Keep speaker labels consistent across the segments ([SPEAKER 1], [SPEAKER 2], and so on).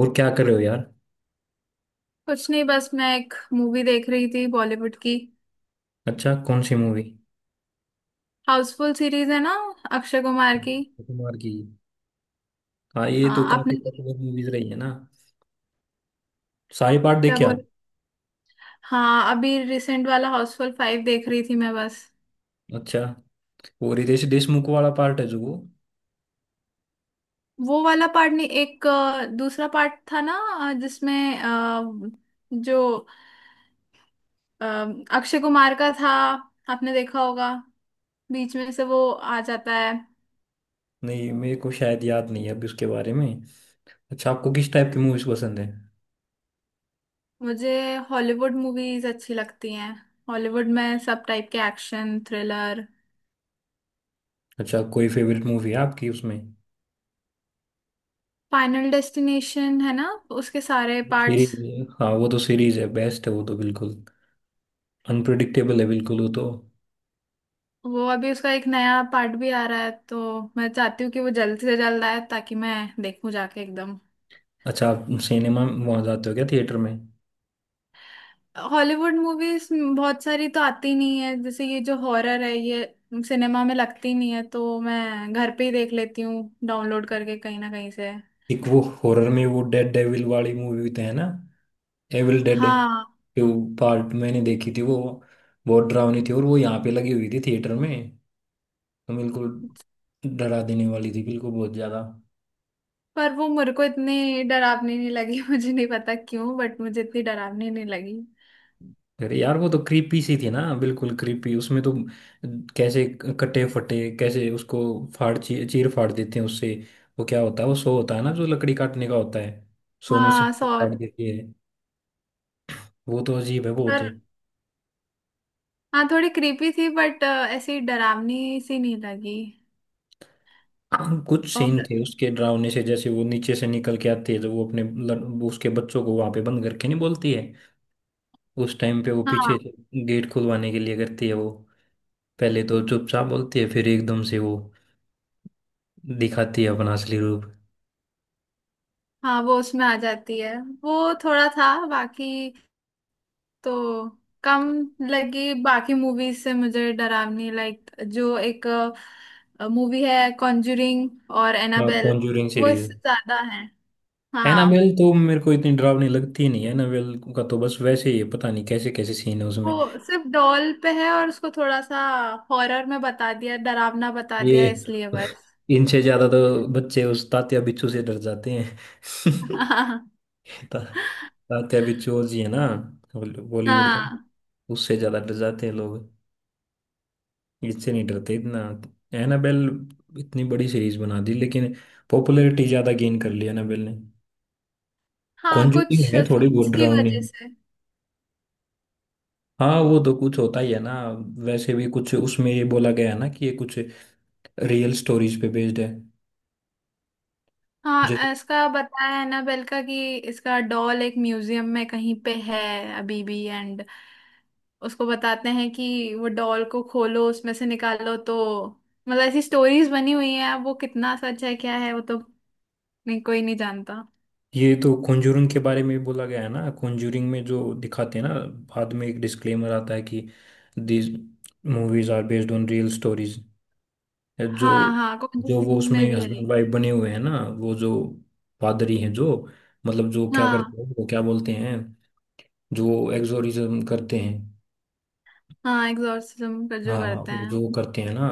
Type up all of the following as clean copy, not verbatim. [SPEAKER 1] और क्या कर रहे हो यार?
[SPEAKER 2] कुछ नहीं। बस मैं एक मूवी देख रही थी बॉलीवुड की।
[SPEAKER 1] अच्छा, कौन सी मूवी?
[SPEAKER 2] हाउसफुल सीरीज है ना, अक्षय कुमार की।
[SPEAKER 1] अक्षय कुमार की। हाँ, ये
[SPEAKER 2] हाँ,
[SPEAKER 1] तो काफी
[SPEAKER 2] आपने तो।
[SPEAKER 1] पॉपुलर मूवीज रही है ना। सारे पार्ट
[SPEAKER 2] क्या
[SPEAKER 1] देखे आप?
[SPEAKER 2] बोल? हाँ, अभी रिसेंट वाला हाउसफुल फाइव देख रही थी मैं बस।
[SPEAKER 1] अच्छा, वो रितेश देशमुख वाला पार्ट है जो वो।
[SPEAKER 2] वो वाला पार्ट नहीं, एक दूसरा पार्ट था ना। जिसमें जो अ, अक्षय कुमार का था। आपने देखा होगा, बीच में से वो आ जाता है।
[SPEAKER 1] नहीं, मेरे को शायद याद नहीं है अभी उसके बारे में। अच्छा, आपको किस टाइप की मूवीज पसंद है?
[SPEAKER 2] मुझे हॉलीवुड मूवीज अच्छी लगती हैं। हॉलीवुड में सब टाइप के, एक्शन, थ्रिलर।
[SPEAKER 1] अच्छा, कोई फेवरेट मूवी है आपकी उसमें?
[SPEAKER 2] फाइनल डेस्टिनेशन है ना, उसके सारे पार्ट्स।
[SPEAKER 1] सीरीज, हाँ वो तो सीरीज है, बेस्ट है वो तो बिल्कुल। अनप्रडिक्टेबल है बिल्कुल वो तो।
[SPEAKER 2] वो अभी उसका एक नया पार्ट भी आ रहा है, तो मैं चाहती हूँ कि वो जल्द से जल्द आए ताकि मैं देखूँ जाके एकदम।
[SPEAKER 1] अच्छा, आप सिनेमा वहाँ जाते हो क्या थिएटर में?
[SPEAKER 2] हॉलीवुड मूवीज बहुत सारी तो आती नहीं है, जैसे ये जो हॉरर है ये सिनेमा में लगती नहीं है, तो मैं घर पे ही देख लेती हूँ डाउनलोड करके कहीं ना कहीं से।
[SPEAKER 1] एक वो हॉरर में वो डेड डेविल वाली मूवी तो है ना। एविल डेड
[SPEAKER 2] हाँ।
[SPEAKER 1] टू पार्ट मैंने देखी थी वो। बहुत डरावनी थी और वो यहाँ पे लगी हुई थी थिएटर में। तो बिल्कुल डरा देने वाली थी बिल्कुल बहुत ज्यादा।
[SPEAKER 2] पर वो मेरे को इतनी डरावनी नहीं लगी मुझे नहीं पता क्यों, बट मुझे इतनी डरावनी नहीं लगी।
[SPEAKER 1] अरे यार, वो तो क्रीपी सी थी ना, बिल्कुल क्रीपी उसमें तो। कैसे कटे फटे, कैसे उसको फाड़ चीर फाड़ देते हैं उससे। वो क्या होता है, वो सो होता है ना जो लकड़ी काटने का होता है, सो मशीन
[SPEAKER 2] हाँ,
[SPEAKER 1] को
[SPEAKER 2] सॉ।
[SPEAKER 1] काट देती है। वो तो अजीब है बहुत।
[SPEAKER 2] पर हाँ, थोड़ी क्रीपी थी बट ऐसी डरावनी सी नहीं लगी।
[SPEAKER 1] हाँ, कुछ सीन
[SPEAKER 2] और
[SPEAKER 1] थे उसके डरावने से, जैसे वो नीचे से निकल के आती है, जब वो वो उसके बच्चों को वहां पे बंद करके नहीं बोलती है। उस टाइम पे वो
[SPEAKER 2] हाँ।
[SPEAKER 1] पीछे गेट खुलवाने के लिए करती है वो। पहले तो चुपचाप बोलती है, फिर एकदम से वो दिखाती है अपना असली रूप।
[SPEAKER 2] हाँ, वो उसमें आ जाती है। वो थोड़ा था, बाकी तो कम लगी बाकी मूवीज से मुझे डरावनी। लाइक जो एक मूवी है कॉन्जरिंग और एनाबेल,
[SPEAKER 1] कॉन्जूरिंग
[SPEAKER 2] वो
[SPEAKER 1] सीरीज।
[SPEAKER 2] इससे ज्यादा है। हाँ।
[SPEAKER 1] एनाबेल तो मेरे को इतनी डरावनी लगती ही नहीं है, एनाबेल का तो बस वैसे ही है, पता नहीं कैसे कैसे सीन है उसमें।
[SPEAKER 2] वो सिर्फ डॉल पे है और उसको थोड़ा सा हॉरर में बता दिया, डरावना बता दिया
[SPEAKER 1] ये।
[SPEAKER 2] इसलिए बस।
[SPEAKER 1] इनसे ज्यादा तो बच्चे उस तात्या बिच्छू से डर जाते हैं।
[SPEAKER 2] हाँ।
[SPEAKER 1] ता- तात्या बिच्चू जी है ना, बॉलीवुड का।
[SPEAKER 2] हाँ।
[SPEAKER 1] उससे ज्यादा डर जाते हैं लोग, इससे नहीं डरते इतना। एनाबेल इतनी बड़ी सीरीज बना दी, लेकिन पॉपुलैरिटी ज्यादा गेन कर ली एनाबेल ने।
[SPEAKER 2] हाँ, कुछ
[SPEAKER 1] कॉन्जूरिंग है थोड़ी बहुत
[SPEAKER 2] सीन्स की
[SPEAKER 1] डरावनी।
[SPEAKER 2] वजह से।
[SPEAKER 1] हाँ, वो तो कुछ होता ही है ना वैसे भी। कुछ उसमें ये बोला गया है ना कि ये कुछ रियल स्टोरीज पे बेस्ड है।
[SPEAKER 2] हाँ, इसका बताया है ना बेलका कि इसका डॉल एक म्यूजियम में कहीं पे है अभी भी एंड। उसको बताते हैं कि वो डॉल को खोलो उसमें से निकालो तो, मतलब ऐसी स्टोरीज बनी हुई हैं। अब वो कितना सच है क्या है, वो तो नहीं, कोई नहीं जानता।
[SPEAKER 1] ये तो कॉन्जूरिंग के बारे में बोला गया है ना, कॉन्जूरिंग में जो दिखाते हैं ना, बाद में एक डिस्क्लेमर आता है कि these movies are based on real stories. जो
[SPEAKER 2] हाँ। हाँ,
[SPEAKER 1] जो
[SPEAKER 2] कॉन्जरिंग
[SPEAKER 1] वो
[SPEAKER 2] में
[SPEAKER 1] उसमें
[SPEAKER 2] भी है।
[SPEAKER 1] हस्बैंड वाइफ बने हुए हैं ना, वो जो पादरी हैं, जो मतलब जो क्या
[SPEAKER 2] हाँ।
[SPEAKER 1] करते हैं, वो क्या बोलते हैं, जो एग्जोरिज्म करते हैं।
[SPEAKER 2] हाँ, एग्जॉर्सिज्म का जो
[SPEAKER 1] हाँ,
[SPEAKER 2] करते
[SPEAKER 1] वो जो
[SPEAKER 2] हैं।
[SPEAKER 1] करते हैं ना,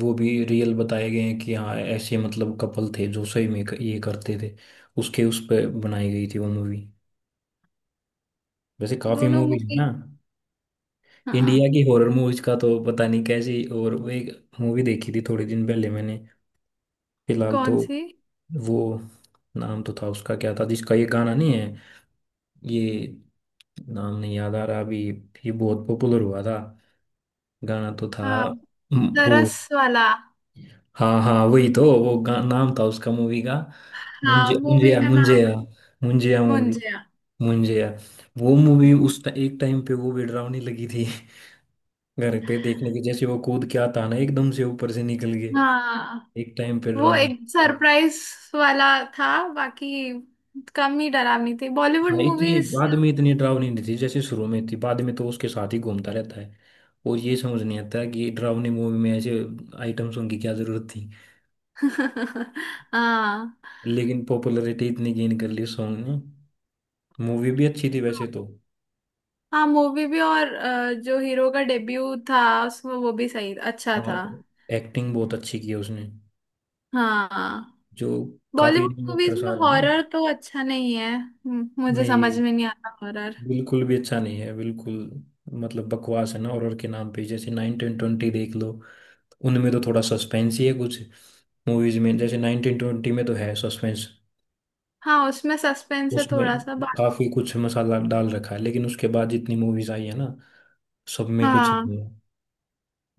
[SPEAKER 1] वो भी रियल बताए गए हैं कि हाँ, ऐसे मतलब कपल थे जो सही में ये करते थे, उसके उस पर बनाई गई थी वो मूवी। वैसे काफी
[SPEAKER 2] दोनों
[SPEAKER 1] मूवीज है
[SPEAKER 2] मूवी।
[SPEAKER 1] ना।
[SPEAKER 2] हाँ।
[SPEAKER 1] इंडिया की हॉरर मूवीज का तो पता नहीं कैसी, और वो एक मूवी देखी थी थोड़े दिन पहले मैंने फिलहाल
[SPEAKER 2] कौन
[SPEAKER 1] तो।
[SPEAKER 2] सी?
[SPEAKER 1] वो, नाम तो था उसका, क्या था जिसका ये गाना नहीं है, ये नाम नहीं याद आ रहा अभी। ये बहुत पॉपुलर हुआ था, गाना तो था।
[SPEAKER 2] हाँ, तरस
[SPEAKER 1] वो।
[SPEAKER 2] वाला।
[SPEAKER 1] हाँ हाँ, वही तो, वो नाम था उसका मूवी का।
[SPEAKER 2] हाँ,
[SPEAKER 1] मुंजे
[SPEAKER 2] मूवी
[SPEAKER 1] मुंजिया
[SPEAKER 2] का नाम
[SPEAKER 1] मुंजिया, मुंजिया मूवी,
[SPEAKER 2] मुंजिया।
[SPEAKER 1] मुंजिया। वो मूवी एक टाइम पे वो भी डरावनी लगी थी। घर पे देखने के जैसे, वो कूद के आता ना एकदम से ऊपर से निकल गए।
[SPEAKER 2] हाँ,
[SPEAKER 1] एक टाइम पे
[SPEAKER 2] वो
[SPEAKER 1] डरावनी
[SPEAKER 2] एक
[SPEAKER 1] थी।
[SPEAKER 2] सरप्राइज वाला था, बाकी कम ही डरावनी थी बॉलीवुड
[SPEAKER 1] हाँ, इतनी
[SPEAKER 2] मूवीज।
[SPEAKER 1] बाद में इतनी डरावनी नहीं थी जैसे शुरू में थी, बाद में तो उसके साथ ही घूमता रहता है। और ये समझ नहीं आता कि डरावनी मूवी में ऐसे आइटम सॉन्ग की क्या जरूरत थी।
[SPEAKER 2] हाँ।
[SPEAKER 1] लेकिन पॉपुलैरिटी इतनी गेन कर ली सॉन्ग ने, मूवी भी अच्छी थी वैसे तो।
[SPEAKER 2] हाँ, मूवी भी। और जो हीरो का डेब्यू था उसमें वो भी सही अच्छा
[SPEAKER 1] हाँ,
[SPEAKER 2] था।
[SPEAKER 1] एक्टिंग बहुत अच्छी की है उसने
[SPEAKER 2] हाँ।
[SPEAKER 1] जो। काफी
[SPEAKER 2] बॉलीवुड मूवीज
[SPEAKER 1] एक्ट्रेस
[SPEAKER 2] में
[SPEAKER 1] आ रहे हैं ना।
[SPEAKER 2] हॉरर तो अच्छा नहीं है। मुझे समझ
[SPEAKER 1] नहीं,
[SPEAKER 2] में नहीं आता हॉरर।
[SPEAKER 1] बिल्कुल भी अच्छा नहीं है बिल्कुल, मतलब बकवास है ना हॉरर के नाम पे। जैसे 1920 देख लो, उनमें तो थोड़ा सस्पेंस ही है कुछ मूवीज में। जैसे 1920 में तो है सस्पेंस,
[SPEAKER 2] हाँ, उसमें सस्पेंस है
[SPEAKER 1] उसमें
[SPEAKER 2] थोड़ा सा बा...
[SPEAKER 1] काफी कुछ मसाला डाल रखा है, लेकिन उसके बाद जितनी मूवीज आई है ना, सब में कुछ नहीं
[SPEAKER 2] हाँ।
[SPEAKER 1] है।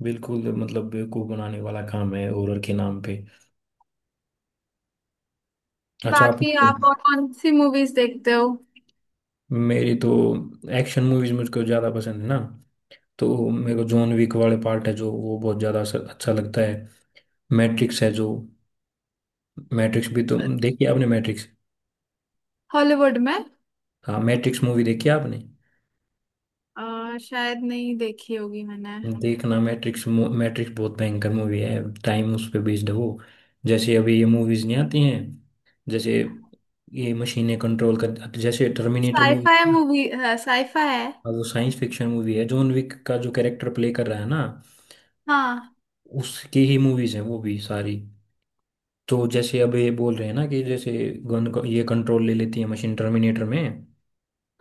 [SPEAKER 1] बिल्कुल मतलब बेवकूफ बनाने वाला काम है हॉरर के नाम पे। अच्छा आप।
[SPEAKER 2] बाकी आप और कौन सी मूवीज देखते हो?
[SPEAKER 1] मेरी तो एक्शन मूवीज मुझको ज्यादा पसंद है ना। तो मेरे को जॉन विक वाले पार्ट है जो वो बहुत ज्यादा अच्छा लगता है। मैट्रिक्स है जो, मैट्रिक्स भी तो देखी आपने मैट्रिक्स?
[SPEAKER 2] हॉलीवुड में।
[SPEAKER 1] हाँ, मैट्रिक्स मूवी देखी आपने?
[SPEAKER 2] शायद नहीं देखी होगी मैंने।
[SPEAKER 1] देखना मैट्रिक्स। मैट्रिक्स बहुत भयंकर मूवी है, टाइम उस पे बेस्ड है वो। जैसे अभी ये मूवीज नहीं आती हैं, जैसे ये मशीनें कंट्रोल कर, जैसे Terminator movie.
[SPEAKER 2] Sci fi movie, sci fi है।
[SPEAKER 1] वो साइंस फिक्शन मूवी है, जॉन विक का जो कैरेक्टर प्ले कर रहा है ना,
[SPEAKER 2] हाँ।
[SPEAKER 1] उसकी ही मूवीज हैं वो भी सारी। तो जैसे अब ये बोल रहे हैं ना कि जैसे गन को ये कंट्रोल ले लेती है मशीन टर्मिनेटर में,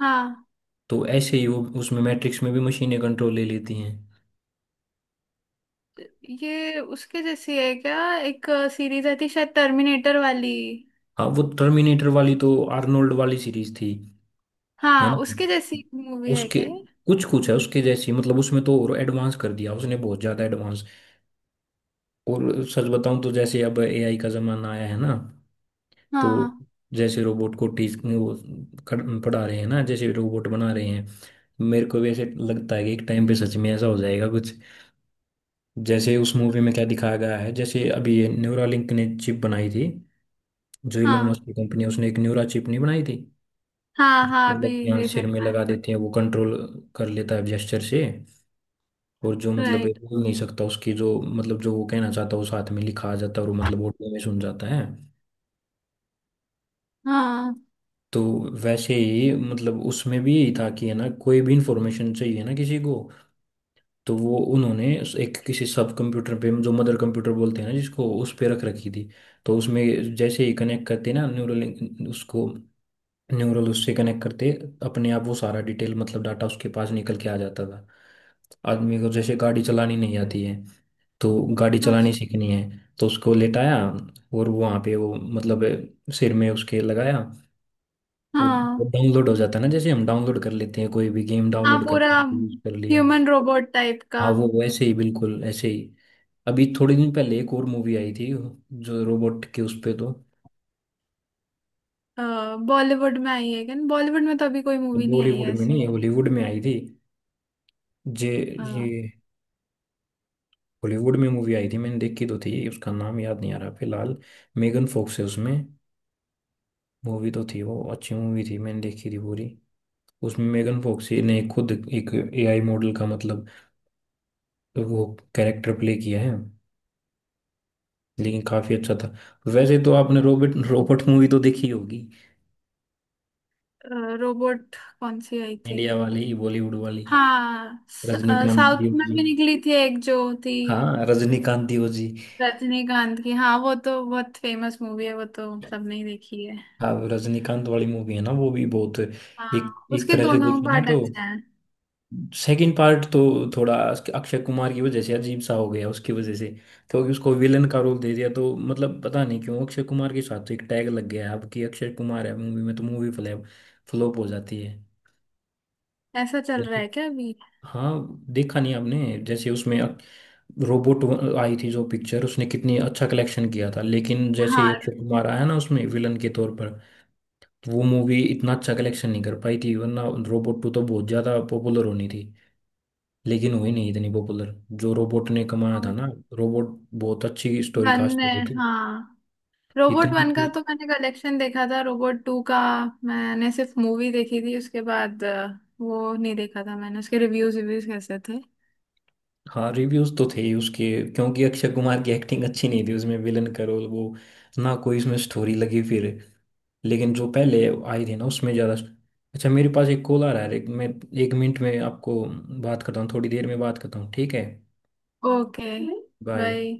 [SPEAKER 2] हाँ,
[SPEAKER 1] तो ऐसे ही वो उसमें मैट्रिक्स में भी मशीनें कंट्रोल ले लेती हैं।
[SPEAKER 2] ये उसके जैसी है क्या? एक सीरीज आई थी शायद, टर्मिनेटर वाली।
[SPEAKER 1] हाँ, वो टर्मिनेटर वाली तो आर्नोल्ड वाली सीरीज थी। है
[SPEAKER 2] हाँ, उसके
[SPEAKER 1] ना,
[SPEAKER 2] जैसी मूवी है
[SPEAKER 1] उसके
[SPEAKER 2] क्या ये?
[SPEAKER 1] कुछ कुछ है उसके जैसी, मतलब उसमें तो और एडवांस कर दिया उसने, बहुत ज़्यादा एडवांस। और सच बताऊं तो जैसे अब एआई का ज़माना आया है ना, तो
[SPEAKER 2] हाँ।
[SPEAKER 1] जैसे रोबोट को टीच वो पढ़ा रहे हैं ना, जैसे रोबोट बना रहे हैं। मेरे को भी ऐसे लगता है कि एक टाइम पे सच में ऐसा हो जाएगा कुछ, जैसे उस मूवी में क्या दिखाया गया है। जैसे अभी ये न्यूरालिंक ने चिप बनाई थी, जो इलोन
[SPEAKER 2] हाँ।
[SPEAKER 1] मस्क की कंपनी है, उसने एक न्यूरा चिप नहीं बनाई थी,
[SPEAKER 2] हाँ।
[SPEAKER 1] जो
[SPEAKER 2] हाँ, अभी
[SPEAKER 1] मतलब यहाँ सिर
[SPEAKER 2] रिसेंट
[SPEAKER 1] में
[SPEAKER 2] में।
[SPEAKER 1] लगा देते हैं, वो कंट्रोल कर लेता है जेस्चर से। और जो मतलब है,
[SPEAKER 2] राइट।
[SPEAKER 1] बोल नहीं सकता, उसकी जो मतलब जो वो कहना चाहता है वो साथ में लिखा आ जाता है और वो मतलब ऑडियो में सुन जाता है।
[SPEAKER 2] हाँ।
[SPEAKER 1] तो वैसे ही, मतलब उसमें भी यही था कि है ना, कोई भी इंफॉर्मेशन चाहिए ना किसी को, तो वो उन्होंने एक किसी सब कंप्यूटर पे जो मदर कंप्यूटर बोलते हैं ना, जिसको उस पे रख रखी थी। तो उसमें जैसे ही कनेक्ट करते ना न्यूरल उसको, न्यूरल उससे कनेक्ट करते, अपने आप वो सारा डिटेल मतलब डाटा उसके पास निकल के आ जाता था। आदमी को जैसे गाड़ी चलानी नहीं आती है, तो गाड़ी चलानी
[SPEAKER 2] अच्छा।
[SPEAKER 1] सीखनी है, तो उसको लेटाया और वो वहाँ पे वो मतलब सिर में उसके लगाया, और
[SPEAKER 2] हाँ।
[SPEAKER 1] डाउनलोड हो जाता है ना, जैसे हम डाउनलोड कर लेते हैं कोई भी गेम
[SPEAKER 2] हाँ,
[SPEAKER 1] डाउनलोड कर,
[SPEAKER 2] पूरा।
[SPEAKER 1] यूज कर लिया।
[SPEAKER 2] ह्यूमन रोबोट टाइप का।
[SPEAKER 1] हाँ, वो वैसे ही बिल्कुल ऐसे ही। अभी थोड़े दिन पहले एक और मूवी आई थी जो रोबोट के उस पे तो,
[SPEAKER 2] बॉलीवुड में आई है क्या? बॉलीवुड में तो अभी कोई मूवी नहीं आई
[SPEAKER 1] बॉलीवुड
[SPEAKER 2] है
[SPEAKER 1] में नहीं
[SPEAKER 2] ऐसे।
[SPEAKER 1] हॉलीवुड में आई थी। जे ये हॉलीवुड में मूवी आई थी, मैंने देखी तो थी, उसका नाम याद नहीं आ रहा फिलहाल। मेगन फोक्स है उसमें, मूवी तो थी वो, अच्छी मूवी थी, मैंने देखी थी पूरी। उसमें मेगन फोक्स ने खुद एक एआई मॉडल का मतलब वो कैरेक्टर प्ले किया है, लेकिन काफी अच्छा था। वैसे तो आपने रोबोट रोबोट मूवी तो देखी होगी,
[SPEAKER 2] रोबोट कौन सी आई थी?
[SPEAKER 1] इंडिया वाली बॉलीवुड वाली,
[SPEAKER 2] हाँ, स-
[SPEAKER 1] रजनीकांत
[SPEAKER 2] साउथ
[SPEAKER 1] दियो
[SPEAKER 2] में
[SPEAKER 1] जी।
[SPEAKER 2] भी निकली थी एक जो थी।
[SPEAKER 1] हाँ, रजनीकांत दियो जी।
[SPEAKER 2] रजनीकांत की, हाँ वो तो बहुत फेमस मूवी है, वो तो सबने ही देखी है।
[SPEAKER 1] हाँ, रजनीकांत वाली मूवी है ना, वो भी बहुत एक
[SPEAKER 2] हाँ,
[SPEAKER 1] एक
[SPEAKER 2] उसके
[SPEAKER 1] तरह से
[SPEAKER 2] दोनों
[SPEAKER 1] देखी ना
[SPEAKER 2] पार्ट
[SPEAKER 1] तो।
[SPEAKER 2] अच्छे हैं।
[SPEAKER 1] सेकंड पार्ट तो थोड़ा अक्षय कुमार की वजह से अजीब सा हो गया, उसकी वजह से। क्योंकि उसको विलन का रोल दे दिया, तो मतलब पता नहीं क्यों, अक्षय कुमार के साथ तो एक टैग लग गया है अब कि अक्षय कुमार है मूवी में तो मूवी फ्लैप फ्लॉप हो जाती है।
[SPEAKER 2] ऐसा चल रहा
[SPEAKER 1] जैसे,
[SPEAKER 2] है क्या अभी?
[SPEAKER 1] हाँ देखा नहीं आपने, जैसे उसमें रोबोट आई थी जो पिक्चर, उसने कितनी अच्छा कलेक्शन किया था, लेकिन जैसे ही
[SPEAKER 2] हाँ,
[SPEAKER 1] अक्षय कुमार आया ना उसमें विलन के तौर पर, वो मूवी इतना अच्छा कलेक्शन नहीं कर पाई थी, वरना रोबोट टू तो बहुत ज़्यादा पॉपुलर होनी थी, लेकिन हुई नहीं इतनी पॉपुलर जो रोबोट ने कमाया था ना। रोबोट बहुत अच्छी स्टोरी
[SPEAKER 2] वन
[SPEAKER 1] कास्ट
[SPEAKER 2] है।
[SPEAKER 1] बनाई थी
[SPEAKER 2] हाँ, रोबोट
[SPEAKER 1] इतनी
[SPEAKER 2] वन का
[SPEAKER 1] अच्छी।
[SPEAKER 2] तो मैंने कलेक्शन देखा था, रोबोट टू का मैंने सिर्फ मूवी देखी थी उसके बाद। वो नहीं देखा था मैंने उसके रिव्यूज। रिव्यूज कैसे थे?
[SPEAKER 1] हाँ, रिव्यूज तो थे ही उसके, क्योंकि अक्षय कुमार की एक्टिंग अच्छी नहीं थी उसमें विलन का रोल वो, ना कोई इसमें स्टोरी लगी फिर, लेकिन जो पहले आई थी ना उसमें ज़्यादा। अच्छा, मेरे पास एक कॉल आ रहा है, मैं एक मिनट में आपको बात करता हूँ, थोड़ी देर में बात करता हूँ, ठीक है?
[SPEAKER 2] ओके। बाय।
[SPEAKER 1] बाय।